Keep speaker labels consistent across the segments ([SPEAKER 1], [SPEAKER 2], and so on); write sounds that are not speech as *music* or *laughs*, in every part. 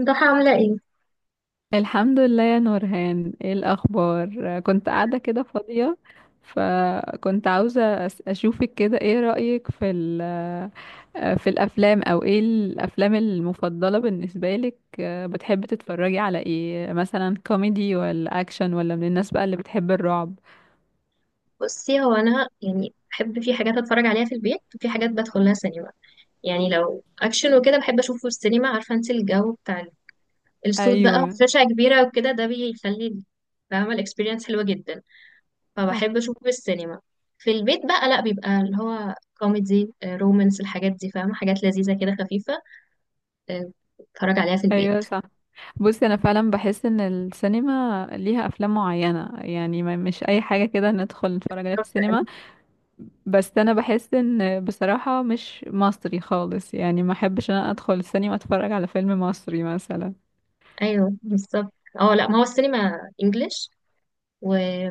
[SPEAKER 1] ضحى عاملة ايه؟
[SPEAKER 2] الحمد لله يا نورهان، ايه الاخبار؟ كنت قاعده كده فاضيه، فكنت عاوزه اشوفك كده. ايه رايك في في الافلام؟ او ايه الافلام المفضله بالنسبه لك؟ بتحبي تتفرجي على ايه؟ مثلا كوميدي ولا اكشن، ولا من الناس بقى اللي بتحب الرعب؟
[SPEAKER 1] بصي، هو أنا يعني بحب في حاجات أتفرج عليها في البيت، وفي حاجات بدخل لها سينما. يعني لو أكشن وكده بحب أشوفه في السينما. عارفة انت الجو بتاع الصوت بقى
[SPEAKER 2] ايوه،
[SPEAKER 1] وشاشة كبيرة وكده، ده بيخلي فاهمة، الإكسبيرينس حلوة جدا. فبحب
[SPEAKER 2] صح.
[SPEAKER 1] أشوفه في السينما. في البيت بقى لأ، بيبقى اللي هو كوميدي، رومانس، الحاجات دي فاهمة، حاجات لذيذة كده خفيفة. آه، أتفرج عليها في
[SPEAKER 2] ايوه،
[SPEAKER 1] البيت.
[SPEAKER 2] صح. بصي انا فعلا بحس ان السينما ليها افلام معينه، يعني مش اي حاجه كده ندخل نتفرج عليها في السينما. بس انا بحس ان، بصراحة، مش مصري خالص، يعني ما احبش ان انا ادخل السينما اتفرج على فيلم مصري مثلا.
[SPEAKER 1] أيوه بالظبط. اه لأ، ما هو السينما إنجلش.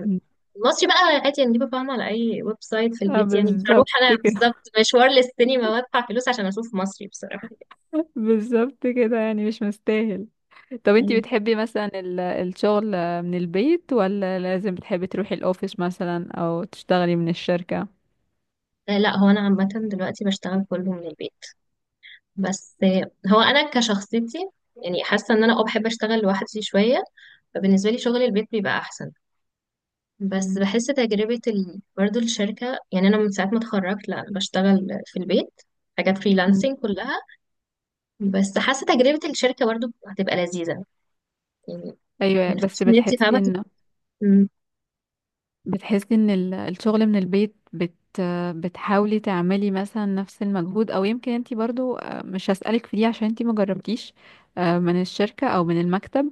[SPEAKER 2] مم.
[SPEAKER 1] المصري بقى عادي نجيبه فاهمة على أي ويب سايت في
[SPEAKER 2] اه،
[SPEAKER 1] البيت، يعني مش هروح
[SPEAKER 2] بالظبط
[SPEAKER 1] أنا
[SPEAKER 2] كده.
[SPEAKER 1] بالظبط مشوار للسينما وأدفع فلوس عشان أشوف مصري بصراحة.
[SPEAKER 2] *laughs* بالظبط كده، يعني مش مستاهل. طب انتي
[SPEAKER 1] يعني
[SPEAKER 2] بتحبي مثلا الشغل من البيت، ولا لازم بتحبي تروحي الاوفيس مثلا او تشتغلي من الشركة؟
[SPEAKER 1] لا، هو أنا عامة دلوقتي بشتغل كله من البيت. بس هو أنا كشخصيتي، يعني حاسة إن أنا أه بحب أشتغل لوحدي شوية، فبالنسبة لي شغل البيت بيبقى أحسن. بس
[SPEAKER 2] مم.
[SPEAKER 1] بحس تجربة برضه الشركة، يعني أنا من ساعة ما اتخرجت لا بشتغل في البيت، حاجات
[SPEAKER 2] مم.
[SPEAKER 1] فريلانسنج كلها، بس حاسة تجربة الشركة برضه هتبقى لذيذة يعني. ما
[SPEAKER 2] ايوه،
[SPEAKER 1] ينفعش
[SPEAKER 2] بس
[SPEAKER 1] إن أنت
[SPEAKER 2] بتحسي
[SPEAKER 1] فاهمة.
[SPEAKER 2] ان، بتحسي ان الشغل من البيت بتحاولي تعملي مثلا نفس المجهود، او يمكن انتي برضو، مش هسألك في دي عشان انتي مجربتيش من الشركة او من المكتب.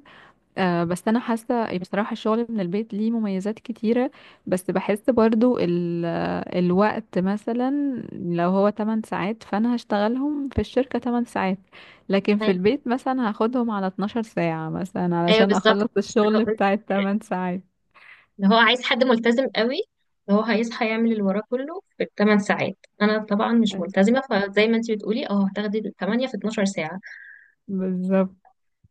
[SPEAKER 2] بس انا حاسة، بصراحة الشغل من البيت ليه مميزات كتيرة، بس بحس برضو الوقت مثلا، لو هو 8 ساعات فانا هشتغلهم في الشركة 8 ساعات، لكن في
[SPEAKER 1] تت-
[SPEAKER 2] البيت مثلا هاخدهم على 12 ساعة مثلا
[SPEAKER 1] ايوه
[SPEAKER 2] علشان
[SPEAKER 1] بالظبط،
[SPEAKER 2] اخلص
[SPEAKER 1] لسه
[SPEAKER 2] الشغل
[SPEAKER 1] هقول
[SPEAKER 2] بتاع
[SPEAKER 1] لك.
[SPEAKER 2] التمن ساعات.
[SPEAKER 1] اللي هو عايز حد ملتزم قوي، اللي هو هيصحى يعمل اللي وراه كله في 8 ساعات. انا طبعا مش ملتزمه، فزي ما انت بتقولي اه هتاخدي 8 في 12 ساعه.
[SPEAKER 2] بالظبط.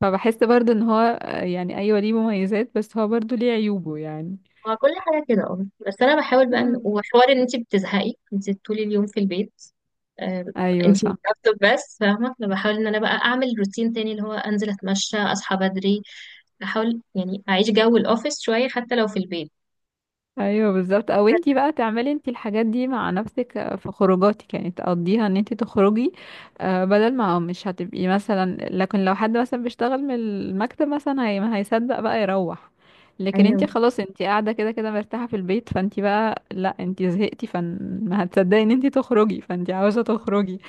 [SPEAKER 2] فبحس برضو ان هو، يعني ايوه ليه مميزات، بس هو برضو ليه عيوبه يعني.
[SPEAKER 1] هو كل حاجه كده اه، بس انا بحاول بقى
[SPEAKER 2] آه.
[SPEAKER 1] وحوار ان انت بتزهقي انت طول اليوم في البيت. آه،
[SPEAKER 2] ايوه،
[SPEAKER 1] انت
[SPEAKER 2] صح.
[SPEAKER 1] لابتوب بس فاهمه. انا بحاول ان انا بقى اعمل روتين تاني، اللي هو انزل اتمشى، اصحى بدري، احاول يعني اعيش جو الاوفيس شويه حتى لو في البيت.
[SPEAKER 2] ايوه بالظبط، او انتي بقى تعملي انتي الحاجات دي مع نفسك، في خروجاتك، يعني تقضيها ان انتي تخرجي، بدل ما، مش هتبقي مثلا، لكن لو حد مثلا بيشتغل من المكتب مثلا هي ما هيصدق بقى يروح، لكن
[SPEAKER 1] ايوه،
[SPEAKER 2] انتي خلاص انتي قاعده كده كده مرتاحه في البيت، فانتي بقى لا، انتي زهقتي فما هتصدقي ان انتي تخرجي، فانتي عاوزه تخرجي.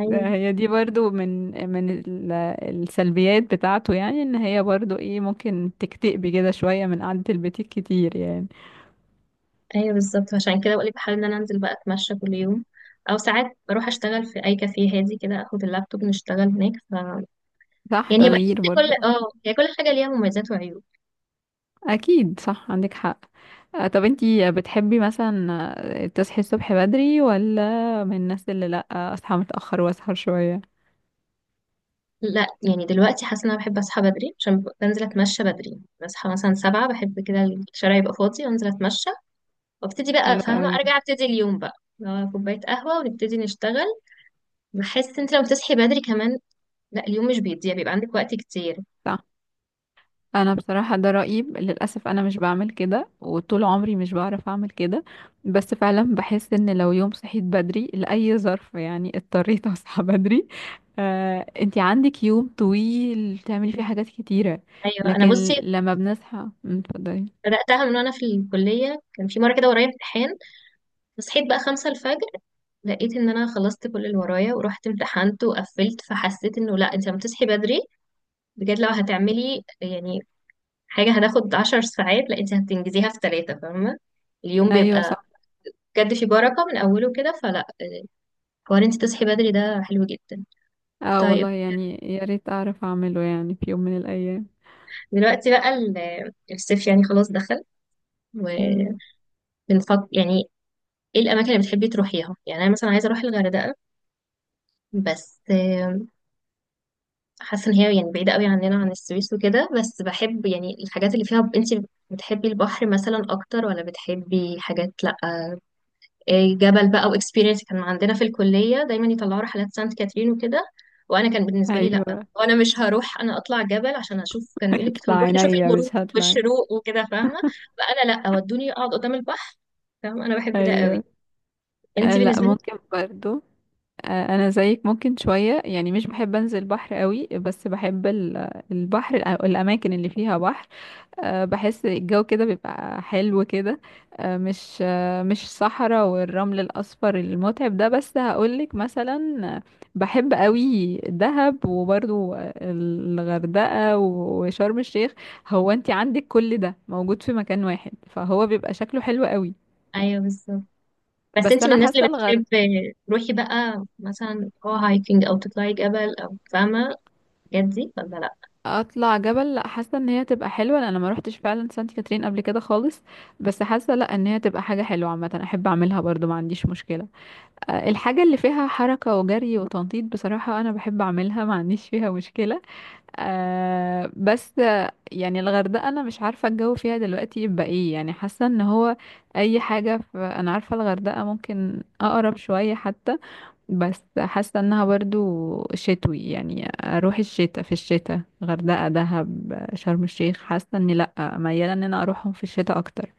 [SPEAKER 1] ايوه،
[SPEAKER 2] هي دي برضو من السلبيات بتاعته، يعني ان هي برضو ايه، ممكن تكتئبي كده شوية من قعدة البيت كتير يعني.
[SPEAKER 1] ايوه بالظبط، عشان كده بقولك بحاول ان انا انزل بقى اتمشى كل يوم، او ساعات بروح اشتغل في اي كافيه هادي كده، اخد اللابتوب نشتغل هناك. ف
[SPEAKER 2] صح،
[SPEAKER 1] يعني هي بقى
[SPEAKER 2] تغيير
[SPEAKER 1] بحس كل
[SPEAKER 2] برضو.
[SPEAKER 1] اه هي كل حاجه ليها مميزات وعيوب.
[SPEAKER 2] اكيد، صح، عندك حق. طب انتي بتحبي مثلا، تصحي الصبح بدري، ولا من الناس اللي لا، اصحى متأخر واسهر شوية؟
[SPEAKER 1] لا يعني دلوقتي حاسه ان انا بحب اصحى بدري، عشان بنزل اتمشى بدري، بصحى مثلا 7 بحب كده الشارع يبقى فاضي وانزل اتمشى، وابتدي بقى
[SPEAKER 2] حلو
[SPEAKER 1] فاهمه
[SPEAKER 2] قوي.
[SPEAKER 1] ارجع ابتدي اليوم بقى، لو كوبايه قهوه ونبتدي نشتغل. بحس انت لو بتصحي بدري كمان، لا اليوم مش بيضيع، بيبقى عندك وقت كتير.
[SPEAKER 2] صح. انا بصراحة ده رأيي، للأسف انا مش بعمل كده، وطول عمري مش بعرف اعمل كده، بس فعلا بحس ان لو يوم صحيت بدري لأي ظرف، يعني اضطريت *laughs* اصحى بدري، انتي عندك يوم طويل تعملي فيه حاجات كتيرة.
[SPEAKER 1] ايوه انا
[SPEAKER 2] لكن
[SPEAKER 1] بصي،
[SPEAKER 2] لما بنصحى، اتفضلي.
[SPEAKER 1] بدأتها من وأنا في الكلية، كان في مرة كده ورايا امتحان، فصحيت بقى 5 الفجر، لقيت إن أنا خلصت كل اللي ورايا ورحت امتحنت وقفلت، فحسيت إنه لأ أنت لما تصحي بدري بجد، لو هتعملي يعني حاجة هتاخد 10 ساعات، لأ أنت هتنجزيها في ثلاثة فاهمة. اليوم
[SPEAKER 2] ايوه،
[SPEAKER 1] بيبقى
[SPEAKER 2] صح.
[SPEAKER 1] بجد في بركة من أوله كده. فلأ، حوار أنت تصحي بدري ده حلو جدا.
[SPEAKER 2] اه
[SPEAKER 1] طيب
[SPEAKER 2] والله يعني يا ريت اعرف اعمله يعني في يوم من الايام.
[SPEAKER 1] دلوقتي بقى الصيف يعني خلاص دخل،
[SPEAKER 2] مم،
[SPEAKER 1] وبنفكر يعني إيه الأماكن اللي بتحبي تروحيها. يعني أنا مثلا عايزة أروح الغردقة، بس حاسه ان هي يعني بعيده قوي عننا عن السويس وكده. بس بحب يعني الحاجات اللي فيها. انت بتحبي البحر مثلا اكتر، ولا بتحبي حاجات لا إيه جبل بقى واكسبيرينس؟ كان عندنا في الكليه دايما يطلعوا رحلات سانت كاترين وكده، وانا كان بالنسبه لي لا،
[SPEAKER 2] ايوه.
[SPEAKER 1] وانا مش هروح انا اطلع جبل عشان اشوف. كان
[SPEAKER 2] *laughs*
[SPEAKER 1] يقول لك
[SPEAKER 2] هيطلع
[SPEAKER 1] هنروح نشوف
[SPEAKER 2] عينيا،
[SPEAKER 1] الغروب
[SPEAKER 2] مش هطلع.
[SPEAKER 1] والشروق وكده فاهمه. فانا لا، ودوني اقعد قدام البحر فاهمه، انا بحب ده قوي.
[SPEAKER 2] ايوه.
[SPEAKER 1] انت
[SPEAKER 2] لا،
[SPEAKER 1] بالنسبه لك؟
[SPEAKER 2] ممكن برضو. انا زيك، ممكن شويه، يعني مش بحب انزل بحر قوي، بس بحب البحر، الاماكن اللي فيها بحر. بحس الجو كده بيبقى حلو كده. مش مش صحراء والرمل الأصفر المتعب ده. بس هقولك مثلا، آه، بحب قوي دهب، وبرضو الغردقة وشرم الشيخ. هو انت عندك كل ده موجود في مكان واحد، فهو بيبقى شكله حلو قوي.
[SPEAKER 1] ايوه بالظبط. بس
[SPEAKER 2] بس
[SPEAKER 1] انت من
[SPEAKER 2] انا
[SPEAKER 1] الناس
[SPEAKER 2] حاسه،
[SPEAKER 1] اللي بتحب تروحي بقى مثلا اه هايكنج او تطلعي جبل او فاهمه الحاجات دي ولا لا؟
[SPEAKER 2] اطلع جبل لا، حاسه ان هي تبقى حلوه، لان انا ما روحتش فعلا سانت كاترين قبل كده خالص، بس حاسه لا، ان هي تبقى حاجه حلوه عامه، احب اعملها برضو، ما عنديش مشكله. الحاجه اللي فيها حركه وجري وتنطيط بصراحه انا بحب اعملها، ما عنديش فيها مشكله. بس يعني الغردقه انا مش عارفه الجو فيها دلوقتي يبقى ايه، يعني حاسه ان هو، اي حاجه في، انا عارفه الغردقه ممكن اقرب شويه حتى، بس حاسة انها برضو شتوي، يعني اروح الشتاء، في الشتاء غردقة دهب شرم الشيخ حاسة اني لأ، ميالة ان انا اروحهم في الشتاء اكتر.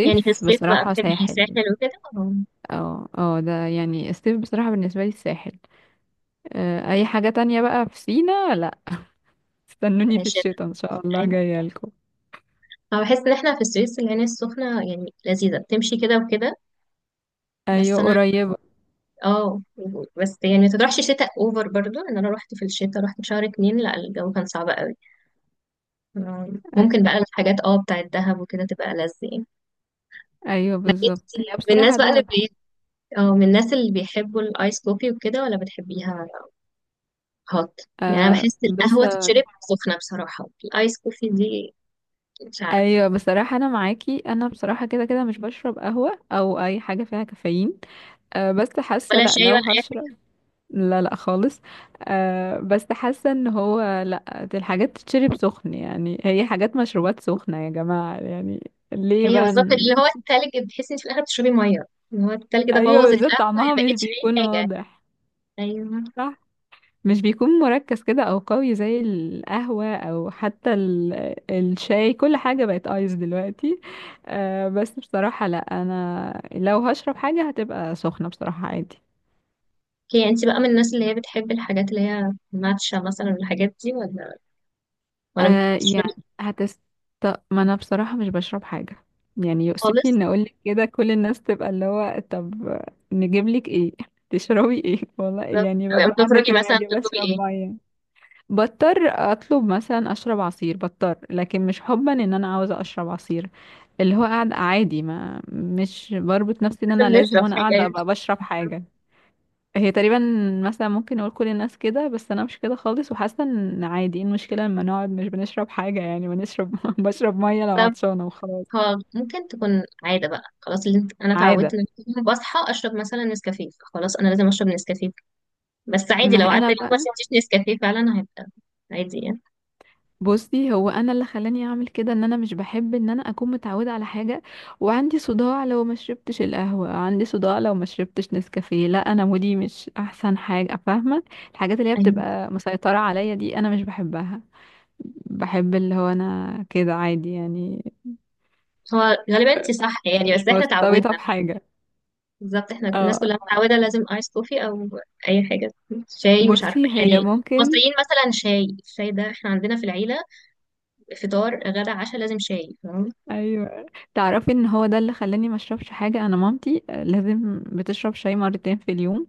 [SPEAKER 1] يعني في الصيف بقى
[SPEAKER 2] بصراحة
[SPEAKER 1] بتحبي
[SPEAKER 2] ساحل.
[SPEAKER 1] ساحل وكده ولا
[SPEAKER 2] اه اه، ده يعني الصيف بصراحة بالنسبة لي الساحل. اي حاجة تانية بقى في سينا لأ، استنوني في
[SPEAKER 1] شتا؟
[SPEAKER 2] الشتاء ان شاء الله
[SPEAKER 1] ايوه.
[SPEAKER 2] جاية لكم.
[SPEAKER 1] أنا بحس ان احنا في السويس العين السخنه يعني لذيذه، بتمشي كده وكده. بس
[SPEAKER 2] ايوه،
[SPEAKER 1] انا
[SPEAKER 2] قريبة.
[SPEAKER 1] اه، بس يعني ما تروحش شتاء اوفر، برضو ان انا رحت في الشتاء، رحت في شهر اتنين لا الجو كان صعب قوي. آه ممكن بقى الحاجات اه بتاعت دهب وكده تبقى لذيذ يعني.
[SPEAKER 2] ايوه
[SPEAKER 1] لكن
[SPEAKER 2] بالظبط،
[SPEAKER 1] انت
[SPEAKER 2] هي
[SPEAKER 1] من الناس
[SPEAKER 2] بصراحة
[SPEAKER 1] بقى
[SPEAKER 2] دهب حلوة.
[SPEAKER 1] اه من الناس اللي بيحبوا الايس كوفي وكده ولا بتحبيها هوت؟ يعني انا
[SPEAKER 2] آه
[SPEAKER 1] بحس
[SPEAKER 2] بس
[SPEAKER 1] القهوه تتشرب سخنه بصراحه. الايس كوفي دي مش عارفه.
[SPEAKER 2] ايوه بصراحه انا معاكي، انا بصراحه كده كده مش بشرب قهوه او اي حاجه فيها كافيين. أه بس حاسه،
[SPEAKER 1] ولا
[SPEAKER 2] لا
[SPEAKER 1] شاي
[SPEAKER 2] لو
[SPEAKER 1] ولا اي
[SPEAKER 2] هشرب،
[SPEAKER 1] حاجه؟
[SPEAKER 2] لا لا خالص. أه بس حاسه ان هو لا، دي الحاجات تتشرب سخن، يعني هي حاجات مشروبات سخنه يا جماعه، يعني ليه
[SPEAKER 1] هي
[SPEAKER 2] بقى
[SPEAKER 1] بالظبط اللي هو التلج، بتحسي انت في الاخر بتشربي ميه. اللي هو التلج ده
[SPEAKER 2] ايوه،
[SPEAKER 1] بوظ
[SPEAKER 2] بالذات
[SPEAKER 1] القهوه، ما
[SPEAKER 2] طعمها مش
[SPEAKER 1] بقتش اي
[SPEAKER 2] بيكون
[SPEAKER 1] حاجه.
[SPEAKER 2] واضح.
[SPEAKER 1] ايوه.
[SPEAKER 2] صح، مش بيكون مركز كده او قوي زي القهوة، او حتى الشاي، كل حاجة بقت ايس دلوقتي. آه، بس بصراحة لا، انا لو هشرب حاجة هتبقى سخنة بصراحة عادي.
[SPEAKER 1] اوكي، انت بقى من الناس اللي هي بتحب الحاجات اللي هي ماتشا مثلا والحاجات دي، ولا ما
[SPEAKER 2] آه
[SPEAKER 1] بتشربي
[SPEAKER 2] يعني
[SPEAKER 1] إيه؟
[SPEAKER 2] هتست ما انا بصراحة مش بشرب حاجة، يعني يؤسفني
[SPEAKER 1] خالص.
[SPEAKER 2] ان اقولك كده، كل الناس تبقى اللي هو طب نجيب لك ايه، تشربي ايه؟ *laughs* والله
[SPEAKER 1] بالظبط.
[SPEAKER 2] يعني
[SPEAKER 1] لو لما
[SPEAKER 2] ببقى قاعدة
[SPEAKER 1] بتخرجي
[SPEAKER 2] كده
[SPEAKER 1] مثلا
[SPEAKER 2] عادي
[SPEAKER 1] بتطلبي
[SPEAKER 2] بشرب
[SPEAKER 1] ايه؟
[SPEAKER 2] مية. بضطر اطلب مثلا اشرب عصير، بضطر لكن مش حبا ان انا عاوزة اشرب عصير، اللي هو قاعد عادي، ما مش بربط نفسي ان انا
[SPEAKER 1] لازم
[SPEAKER 2] لازم،
[SPEAKER 1] نشرب
[SPEAKER 2] وانا
[SPEAKER 1] حاجه
[SPEAKER 2] قاعده
[SPEAKER 1] يعني.
[SPEAKER 2] ابقى بشرب حاجه. هي تقريبا مثلا ممكن اقول كل الناس كده، بس انا مش كده خالص، وحاسه ان عادي، إيه المشكله لما نقعد مش بنشرب حاجه، يعني بنشرب *laughs* بشرب ميه لو
[SPEAKER 1] بالظبط.
[SPEAKER 2] عطشانه وخلاص.
[SPEAKER 1] خالص. ممكن تكون عادة بقى خلاص. انا اتعودت
[SPEAKER 2] عاده.
[SPEAKER 1] ان أنا بصحى اشرب مثلا نسكافيه، خلاص انا لازم اشرب نسكافيه، بس عادي
[SPEAKER 2] ما
[SPEAKER 1] لو عدى
[SPEAKER 2] انا
[SPEAKER 1] اليوم
[SPEAKER 2] بقى،
[SPEAKER 1] عشان مفيش نسكافيه فعلا هيبقى عادي يعني.
[SPEAKER 2] بصي هو انا اللي خلاني اعمل كده ان انا مش بحب ان انا اكون متعوده على حاجه، وعندي صداع لو ما شربتش القهوه، عندي صداع لو ما شربتش نسكافيه، لا انا مودي مش احسن حاجه فاهمه. الحاجات اللي هي
[SPEAKER 1] ايوه،
[SPEAKER 2] بتبقى مسيطره عليا دي انا مش بحبها، بحب اللي هو انا كده عادي يعني،
[SPEAKER 1] هو غالبا انت صح يعني،
[SPEAKER 2] مش
[SPEAKER 1] بس احنا
[SPEAKER 2] مرتبطه
[SPEAKER 1] اتعودنا.
[SPEAKER 2] بحاجه.
[SPEAKER 1] بالظبط احنا الناس
[SPEAKER 2] اه.
[SPEAKER 1] كلها متعوده لازم ايس كوفي او اي حاجه، شاي مش عارفه
[SPEAKER 2] بصي هي
[SPEAKER 1] يعني.
[SPEAKER 2] ممكن،
[SPEAKER 1] المصريين مثلا شاي، الشاي ده احنا عندنا في العيله فطار غدا عشاء لازم شاي فاهم.
[SPEAKER 2] ايوه. تعرفي ان هو ده اللي خلاني ما اشربش حاجه؟ انا مامتي لازم بتشرب شاي مرتين في اليوم،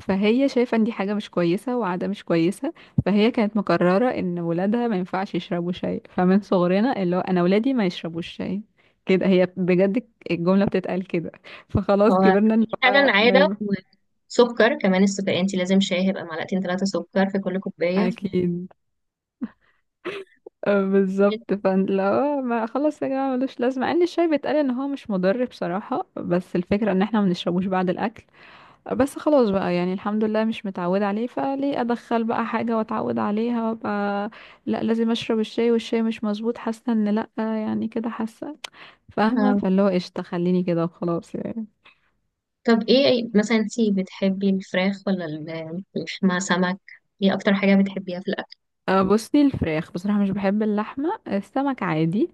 [SPEAKER 2] فهي شايفة ان دي حاجة مش كويسة وعادة مش كويسة، فهي كانت مقررة ان ولادها ما ينفعش يشربوا شاي، فمن صغرنا اللي هو انا ولادي ما يشربوش شاي، كده، هي بجد الجملة بتتقال كده. فخلاص
[SPEAKER 1] هو
[SPEAKER 2] كبرنا اللي
[SPEAKER 1] فعلا
[SPEAKER 2] هو ما
[SPEAKER 1] عاده.
[SPEAKER 2] ي-
[SPEAKER 1] وسكر كمان، السكر، انت لازم شاي هيبقى معلقتين 3 سكر في كل كوبايه.
[SPEAKER 2] اكيد. بالظبط، فلا ما خلاص يا جماعة ملوش لازمة، مع ان الشاي بيتقال ان هو مش مضر بصراحة، بس الفكرة ان احنا ما بنشربوش بعد الاكل، بس خلاص بقى يعني الحمد لله مش متعودة عليه، فليه أدخل بقى حاجة وأتعود عليها وأبقى لأ لازم أشرب الشاي، والشاي مش مظبوط حاسة إن لأ، يعني كده حاسة فاهمة، فاللي هو قشطة خليني كده وخلاص يعني.
[SPEAKER 1] طب ايه مثلا انتي بتحبي الفراخ ولا الفراخ مع سمك؟ ايه اكتر حاجة بتحبيها في الاكل؟
[SPEAKER 2] أه بصي الفراخ بصراحة، مش بحب اللحمة، السمك عادي.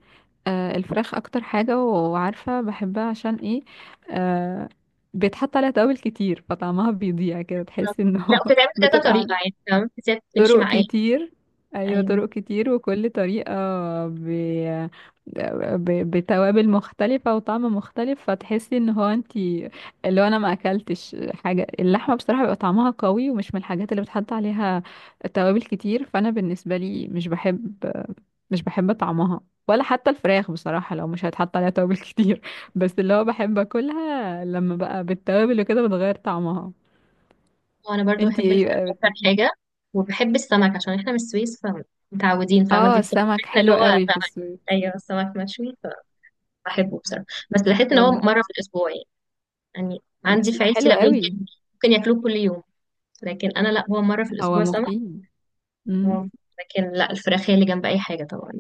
[SPEAKER 2] أه الفراخ أكتر حاجة، وعارفة بحبها عشان إيه؟ أه بيتحط عليها توابل كتير فطعمها بيضيع كده،
[SPEAKER 1] طب-
[SPEAKER 2] تحسي
[SPEAKER 1] لا
[SPEAKER 2] إنه *laughs*
[SPEAKER 1] بتتعمل كذا
[SPEAKER 2] بتبقى
[SPEAKER 1] طريقة يعني. تمام بتمشي
[SPEAKER 2] طرق
[SPEAKER 1] مع ايه؟
[SPEAKER 2] كتير. ايوه،
[SPEAKER 1] ايوه.
[SPEAKER 2] طرق كتير وكل طريقة ب... بتوابل مختلفة وطعم مختلف، فتحسي ان هو انتي، اللي هو انا ما اكلتش حاجة. اللحمة بصراحة بيبقى طعمها قوي ومش من الحاجات اللي بتحط عليها توابل كتير، فانا بالنسبة لي مش بحب، مش بحب طعمها، ولا حتى الفراخ بصراحة لو مش هيتحط عليها توابل *laughs* كتير، بس اللي هو بحب اكلها لما بقى بالتوابل وكده بتغير طعمها.
[SPEAKER 1] وانا برضو
[SPEAKER 2] انتي
[SPEAKER 1] بحب الفراخ
[SPEAKER 2] ايه؟
[SPEAKER 1] اكتر حاجة، وبحب السمك عشان احنا من السويس فمتعودين فاهمة. دي
[SPEAKER 2] اه
[SPEAKER 1] بصراحة
[SPEAKER 2] السمك
[SPEAKER 1] احنا اللي
[SPEAKER 2] حلو
[SPEAKER 1] هو
[SPEAKER 2] قوي في
[SPEAKER 1] سمك.
[SPEAKER 2] السوق.
[SPEAKER 1] ايوه السمك مشوي فبحبه بصراحة، بس بحس ان
[SPEAKER 2] طب
[SPEAKER 1] هو
[SPEAKER 2] ده،
[SPEAKER 1] مرة في الاسبوع يعني. يعني عندي
[SPEAKER 2] بس
[SPEAKER 1] في
[SPEAKER 2] ده
[SPEAKER 1] عيلتي
[SPEAKER 2] حلو
[SPEAKER 1] لا،
[SPEAKER 2] قوي.
[SPEAKER 1] ممكن ياكلوه كل يوم، لكن انا لا، هو مرة في
[SPEAKER 2] هو
[SPEAKER 1] الاسبوع سمك.
[SPEAKER 2] مفيد. امم.
[SPEAKER 1] لكن لا الفراخ هي اللي جنب اي حاجة طبعا.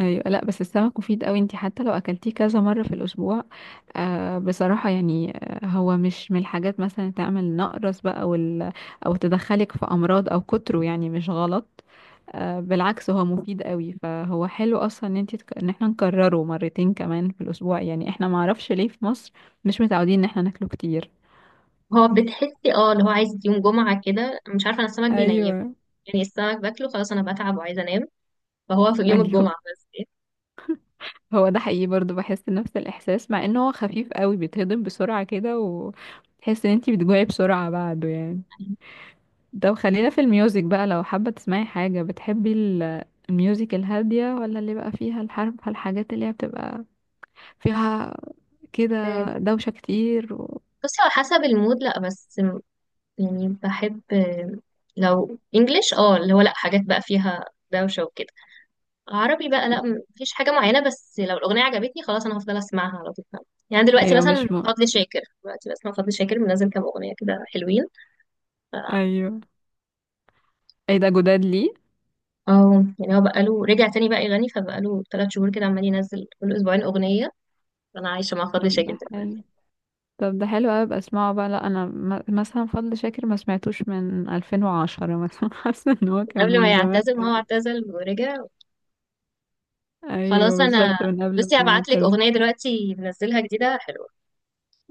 [SPEAKER 2] ايوه لا، بس السمك مفيد قوي، انت حتى لو اكلتيه كذا مره في الاسبوع. آه بصراحه يعني، آه هو مش من الحاجات مثلا تعمل نقرس بقى وال، او تدخلك في امراض او كتره، يعني مش غلط. آه بالعكس، هو مفيد قوي. فهو حلو اصلا ان انت ان احنا نكرره مرتين كمان في الاسبوع يعني. احنا معرفش ليه في مصر مش متعودين ان احنا ناكله كتير.
[SPEAKER 1] هو بتحسي اه اللي هو عايز يوم جمعة كده، مش عارفة انا السمك بينيم
[SPEAKER 2] ايوه.
[SPEAKER 1] يعني، السمك باكله خلاص انا بتعب وعايزة انام، فهو في
[SPEAKER 2] *laughs*
[SPEAKER 1] يوم
[SPEAKER 2] ايوه،
[SPEAKER 1] الجمعة بس.
[SPEAKER 2] هو ده حقيقي، برضو بحس نفس الإحساس، مع إنه هو خفيف قوي، بيتهضم بسرعة كده وتحس إن انتي بتجوعي بسرعة بعده يعني. طب خلينا في الميوزك بقى، لو حابة تسمعي حاجة بتحبي الميوزك الهادية، ولا اللي بقى فيها الحرب، الحاجات اللي هي بتبقى فيها كده
[SPEAKER 1] آه،
[SPEAKER 2] دوشة كتير و...
[SPEAKER 1] بصي على حسب المود لا، بس يعني بحب لو انجليش اه اللي هو لا، حاجات بقى فيها دوشة وكده. عربي بقى لا مفيش حاجة معينة، بس لو الأغنية عجبتني خلاص أنا هفضل أسمعها على طول. يعني دلوقتي
[SPEAKER 2] أيوة
[SPEAKER 1] مثلا
[SPEAKER 2] مش م...
[SPEAKER 1] فضل شاكر، دلوقتي بسمع فضل شاكر منزل كام أغنية كده حلوين.
[SPEAKER 2] أيوه، ايه ده جداد ليه؟
[SPEAKER 1] اه يعني هو بقاله رجع تاني بقى يغني، فبقاله 3 شهور كده عمال ينزل كل اسبوعين اغنيه. انا عايشه مع فضل
[SPEAKER 2] طب
[SPEAKER 1] شاكر
[SPEAKER 2] ده
[SPEAKER 1] دلوقتي.
[SPEAKER 2] حلو، طب ده حلو قوي، ابقى اسمعه بقى. لا انا مثلا فضل شاكر ما سمعتوش من 2010 مثلا، *laughs* حاسه ان هو كان
[SPEAKER 1] قبل ما
[SPEAKER 2] من زمان.
[SPEAKER 1] يعتزل، ما هو اعتزل ورجع.
[SPEAKER 2] ايوه
[SPEAKER 1] خلاص انا
[SPEAKER 2] بالظبط، من قبل
[SPEAKER 1] بصي،
[SPEAKER 2] ما
[SPEAKER 1] هبعت لك اغنيه دلوقتي منزلها جديده حلوه.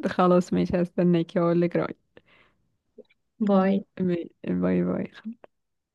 [SPEAKER 2] خلاص ماشي، هستناكي واقول لك رأيي.
[SPEAKER 1] باي.
[SPEAKER 2] ماشي، باي باي.